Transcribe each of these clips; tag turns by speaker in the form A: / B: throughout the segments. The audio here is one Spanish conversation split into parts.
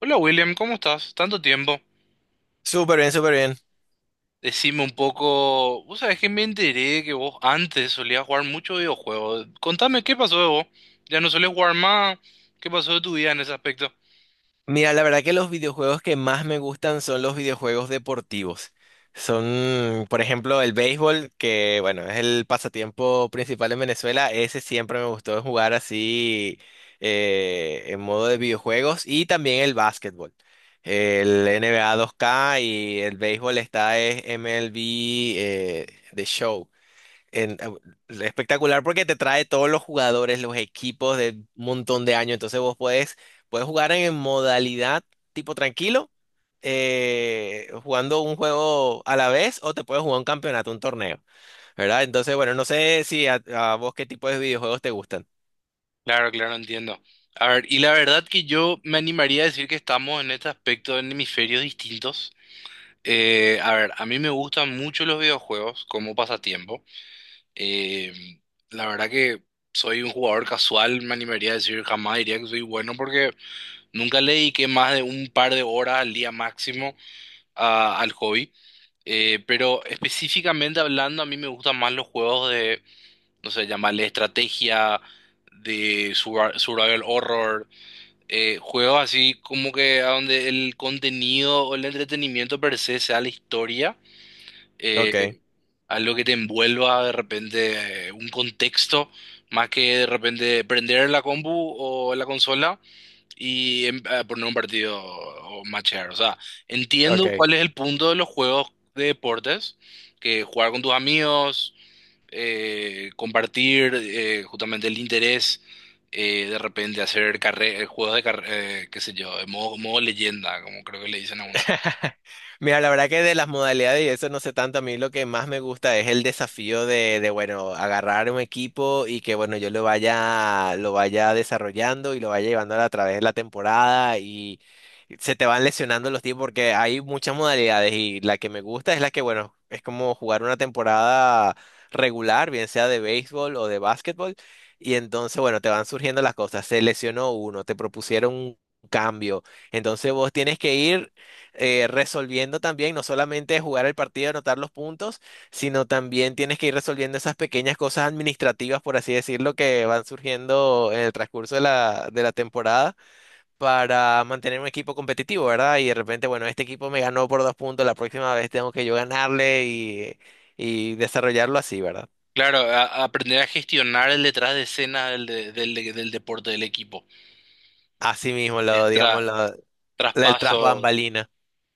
A: Hola William, ¿cómo estás? Tanto tiempo.
B: Súper bien, súper bien.
A: Decime un poco, vos sabés que me enteré que vos antes solías jugar mucho videojuegos. Contame qué pasó de vos. Ya no solés jugar más. ¿Qué pasó de tu vida en ese aspecto?
B: Mira, la verdad que los videojuegos que más me gustan son los videojuegos deportivos. Son, por ejemplo, el béisbol, que bueno, es el pasatiempo principal en Venezuela. Ese siempre me gustó jugar así en modo de videojuegos. Y también el básquetbol. El NBA 2K y el béisbol está es MLB eh, The Show. en- eh, Espectacular porque te trae todos los jugadores, los equipos de un montón de años. Puedes jugar en modalidad tipo tranquilo, jugando un juego a la vez, o te puedes jugar un campeonato, un torneo, ¿verdad? Entonces, bueno, no sé si a vos qué tipo de videojuegos te gustan.
A: Claro, claro, entiendo. A ver, y la verdad que yo me animaría a decir que estamos en este aspecto en hemisferios distintos. A ver, a mí me gustan mucho los videojuegos como pasatiempo. Eh, la verdad que soy un jugador casual, me animaría a decir jamás diría que soy bueno porque nunca le dediqué más de un par de horas al día máximo al hobby, pero específicamente hablando, a mí me gustan más los juegos de, no sé, llamarle estrategia, de survival horror, juegos así como que a donde el contenido o el entretenimiento per se sea la historia, eh,
B: Ok,
A: algo que te envuelva de repente un contexto, más que de repente prender la compu o la consola y a poner un partido o matchear. O sea, entiendo
B: ok.
A: cuál es el punto de los juegos de deportes, que jugar con tus amigos, compartir justamente el interés, de repente hacer juegos de carrera, qué sé yo, de modo, modo leyenda, como creo que le dicen a algunos juegos.
B: Mira, la verdad que de las modalidades y eso no sé tanto, a mí lo que más me gusta es el desafío bueno, agarrar un equipo y que, bueno, yo lo vaya desarrollando y lo vaya llevando a través de la temporada y se te van lesionando los tiempos porque hay muchas modalidades y la que me gusta es la que, bueno, es como jugar una temporada regular, bien sea de béisbol o de básquetbol, y entonces, bueno, te van surgiendo las cosas, se lesionó uno, te propusieron un cambio. Entonces vos tienes que ir resolviendo también, no solamente jugar el partido, anotar los puntos, sino también tienes que ir resolviendo esas pequeñas cosas administrativas, por así decirlo, que van surgiendo en el transcurso de la temporada para mantener un equipo competitivo, ¿verdad? Y de repente, bueno, este equipo me ganó por dos puntos, la próxima vez tengo que yo ganarle y desarrollarlo así, ¿verdad?
A: Claro, a aprender a gestionar el detrás de escena del deporte del equipo,
B: Así mismo, lo,
A: el
B: digamos, lo, la- el tras
A: traspaso.
B: bambalina.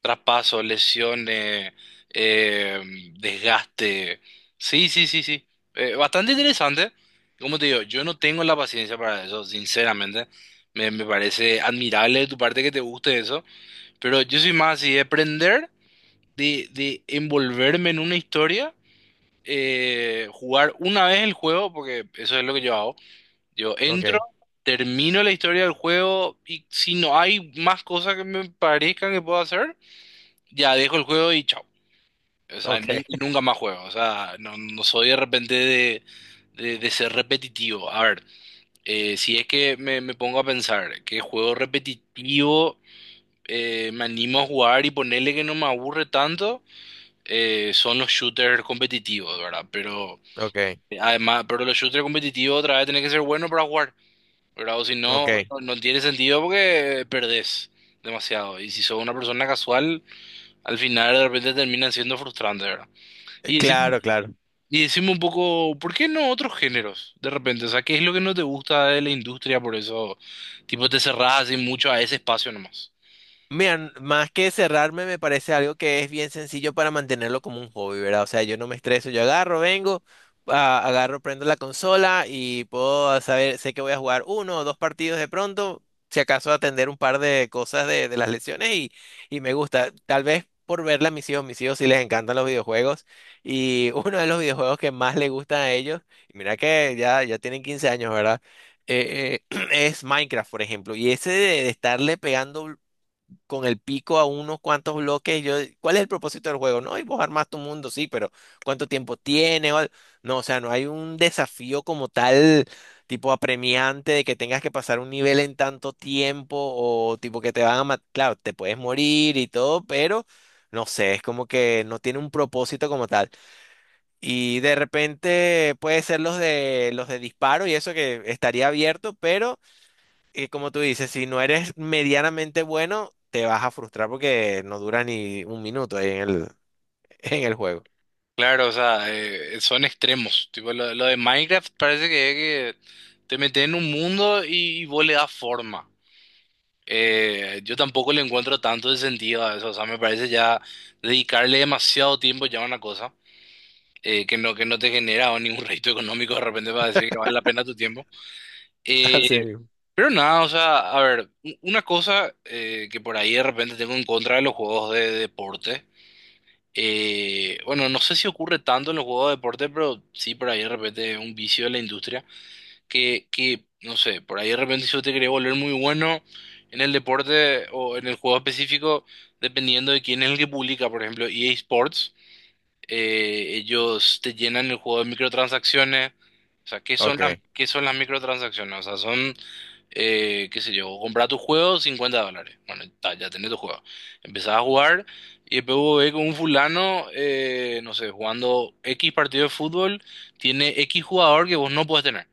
A: Traspaso, lesiones, eh, desgaste. Sí, sí, sí, sí. Bastante interesante. Como te digo, yo no tengo la paciencia para eso, sinceramente. Me parece admirable de tu parte que te guste eso, pero yo soy más así de aprender, de envolverme en una historia, jugar una vez el juego, porque eso es lo que yo hago. Yo entro,
B: Ok,
A: termino la historia del juego y si no hay más cosas que me parezcan que puedo hacer, ya dejo el juego y chao. O sea,
B: ok,
A: nunca más juego. O sea, no, no soy de repente de, de ser repetitivo. A ver, si es que me pongo a pensar que juego repetitivo, me animo a jugar y ponerle que no me aburre tanto, son los shooters competitivos, ¿verdad? Pero
B: ok,
A: además, pero los shooters competitivos otra vez tenés que ser bueno para jugar, ¿verdad? O si no,
B: ok.
A: no, no tiene sentido porque perdés demasiado. Y si sos una persona casual, al final de repente terminan siendo frustrantes, ¿verdad? Y decimos.
B: Claro, claro.
A: Y decime un poco, ¿por qué no otros géneros? De repente, o sea, ¿qué es lo que no te gusta de la industria? Por eso, tipo, te cerrás así mucho a ese espacio nomás.
B: Mira, más que cerrarme, me parece algo que es bien sencillo para mantenerlo como un hobby, ¿verdad? O sea, yo no me estreso, yo agarro, vengo, agarro, prendo la consola y puedo saber, sé que voy a jugar uno o dos partidos de pronto, si acaso atender un par de cosas de las lesiones y me gusta. Tal vez por verla a mis hijos sí les encantan los videojuegos y uno de los videojuegos que más les gustan a ellos, y mira que ya tienen 15 años, ¿verdad? Es Minecraft, por ejemplo, y ese de estarle pegando con el pico a unos cuantos bloques. Yo, ¿cuál es el propósito del juego? No, y vos armás tu mundo, sí, pero ¿cuánto tiempo tiene? No, o sea, no hay un desafío como tal, tipo apremiante, de que tengas que pasar un nivel en tanto tiempo o tipo que te van a matar. Claro, te puedes morir y todo, pero no sé, es como que no tiene un propósito como tal. Y de repente puede ser los de disparo y eso que estaría abierto, pero y como tú dices, si no eres medianamente bueno, te vas a frustrar porque no dura ni un minuto ahí en el juego.
A: Claro, o sea, son extremos. Tipo, lo de Minecraft parece que es que te metes en un mundo y vos le das forma. Yo tampoco le encuentro tanto de sentido a eso. O sea, me parece ya dedicarle demasiado tiempo ya a una cosa que no te genera ningún rédito económico de repente para decir que vale la pena tu tiempo. Eh,
B: Así mismo.
A: Pero nada, o sea, a ver, una cosa que por ahí de repente tengo en contra de los juegos de deporte, bueno, no sé si ocurre tanto en los juegos de deporte, pero sí por ahí de repente es un vicio de la industria, que, no sé, por ahí de repente si yo te quería volver muy bueno en el deporte o en el juego específico, dependiendo de quién es el que publica, por ejemplo, EA Sports, ellos te llenan el juego de microtransacciones, o sea,
B: Ok,
A: ¿qué son las microtransacciones? O sea, son qué sé yo, comprar tu juego $50. Bueno, ta, ya tenés tu juego. Empezás a jugar y después vos ves con un fulano, no sé, jugando X partido de fútbol, tiene X jugador que vos no podés tener.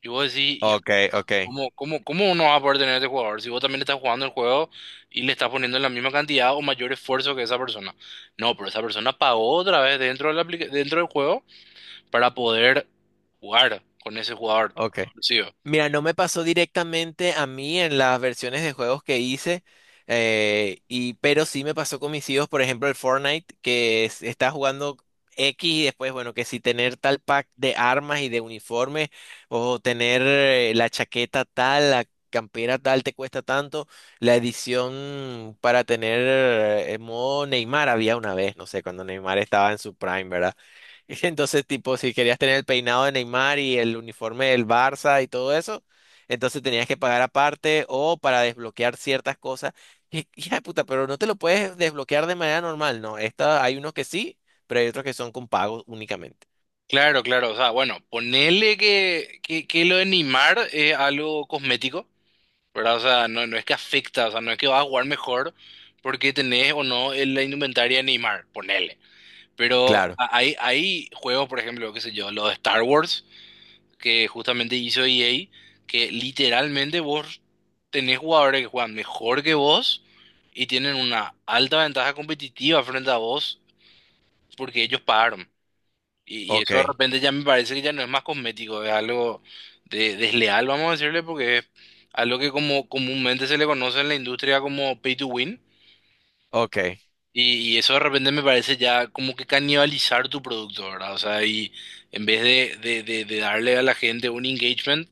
A: Y vos decís, hijo,
B: ok, ok,
A: ¿cómo no vas a poder tener a este jugador si vos también estás jugando el juego y le estás poniendo la misma cantidad o mayor esfuerzo que esa persona? No, pero esa persona pagó otra vez dentro de la aplica- dentro del juego para poder jugar con ese jugador
B: ok.
A: exclusivo.
B: Mira, no me pasó directamente a mí en las versiones de juegos que hice, pero sí me pasó con mis hijos, por ejemplo, el Fortnite, está jugando X y después, bueno, que si tener tal pack de armas y de uniforme, o tener la chaqueta tal, la campera tal, te cuesta tanto, la edición para tener modo Neymar había una vez, no sé, cuando Neymar estaba en su prime, ¿verdad? Entonces, tipo, si querías tener el peinado de Neymar y el uniforme del Barça y todo eso, entonces tenías que pagar aparte o para desbloquear ciertas cosas. Y hija de puta, pero no te lo puedes desbloquear de manera normal, ¿no? Esta, hay unos que sí, pero hay otros que son con pago únicamente.
A: Claro, claro, o sea, bueno, ponele que lo de Neymar es algo cosmético, ¿verdad? O sea, no, no es que afecta, o sea, no es que vas a jugar mejor porque tenés o no la indumentaria de Neymar, ponele. Pero
B: Claro,
A: hay juegos, por ejemplo, qué sé yo, los de Star Wars, que justamente hizo EA, que literalmente vos tenés jugadores que juegan mejor que vos y tienen una alta ventaja competitiva frente a vos porque ellos pagaron. Y
B: ok,
A: eso de repente ya me parece que ya no es más cosmético, es algo de, desleal, vamos a decirle, porque es algo que como comúnmente se le conoce en la industria como pay to win.
B: ok.
A: Y eso de repente me parece ya como que canibalizar tu producto, ¿verdad? O sea, y en vez de darle a la gente un engagement,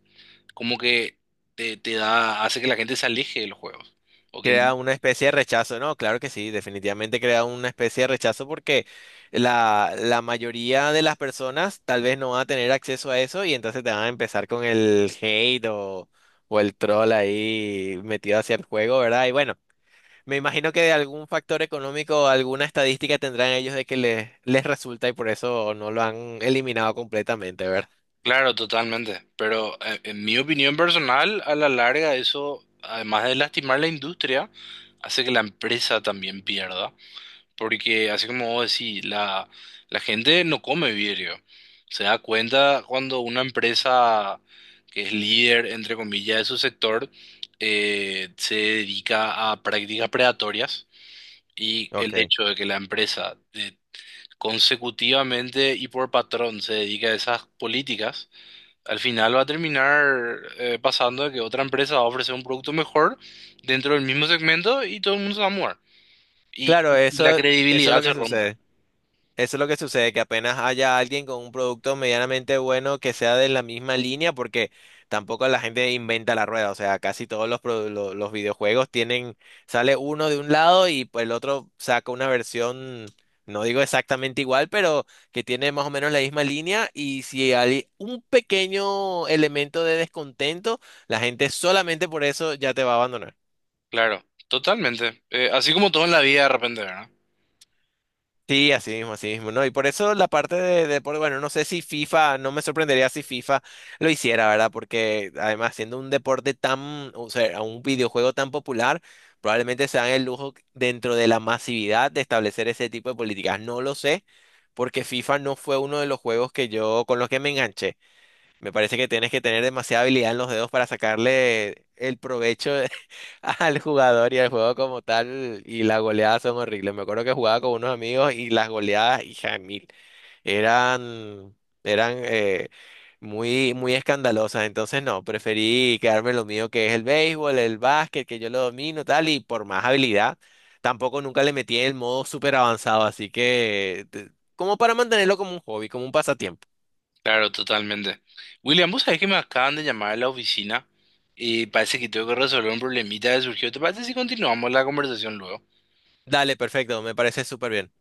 A: como que te da, hace que la gente se aleje de los juegos. O que
B: Crea una especie de rechazo, ¿no? Claro que sí, definitivamente crea una especie de rechazo porque la mayoría de las personas tal vez no van a tener acceso a eso y entonces te van a empezar con el hate o el troll ahí metido hacia el juego, ¿verdad? Y bueno, me imagino que de algún factor económico, alguna estadística tendrán ellos de que les resulta y por eso no lo han eliminado completamente, ¿verdad?
A: claro, totalmente. Pero en mi opinión personal, a la larga eso, además de lastimar la industria, hace que la empresa también pierda. Porque así como vos decís, la gente no come vidrio. Se da cuenta cuando una empresa que es líder, entre comillas, de su sector, se dedica a prácticas predatorias y el
B: Ok.
A: hecho de que la empresa consecutivamente y por patrón se dedica a esas políticas al final va a terminar pasando de que otra empresa va a ofrecer un producto mejor dentro del mismo segmento y todo el mundo se va a mudar. Y,
B: Claro,
A: y la
B: eso es
A: credibilidad
B: lo que
A: se rompe.
B: sucede. Eso es lo que sucede, que apenas haya alguien con un producto medianamente bueno que sea de la misma línea, porque tampoco la gente inventa la rueda, o sea, casi todos los videojuegos tienen, sale uno de un lado y pues, el otro saca una versión, no digo exactamente igual, pero que tiene más o menos la misma línea y si hay un pequeño elemento de descontento, la gente solamente por eso ya te va a abandonar.
A: Claro, totalmente. Así como todo en la vida de repente, ¿verdad?
B: Sí, así mismo, ¿no? Y por eso la parte de deporte, bueno, no sé si FIFA, no me sorprendería si FIFA lo hiciera, ¿verdad? Porque además siendo un deporte tan, o sea, un videojuego tan popular, probablemente se dan el lujo dentro de la masividad de establecer ese tipo de políticas. No lo sé, porque FIFA no fue uno de los juegos que yo, con los que me enganché. Me parece que tienes que tener demasiada habilidad en los dedos para sacarle el provecho al jugador y al juego como tal, y las goleadas son horribles. Me acuerdo que jugaba con unos amigos y las goleadas, hija de mil, eran, eran muy, muy escandalosas. Entonces, no, preferí quedarme en lo mío, que es el béisbol, el básquet, que yo lo domino, tal, y por más habilidad, tampoco nunca le metí el modo súper avanzado, así que, como para mantenerlo como un hobby, como un pasatiempo.
A: Claro, totalmente. William, vos sabés que me acaban de llamar a la oficina y parece que tengo que resolver un problemita que surgió. ¿Te parece si continuamos la conversación luego?
B: Dale, perfecto, me parece súper bien.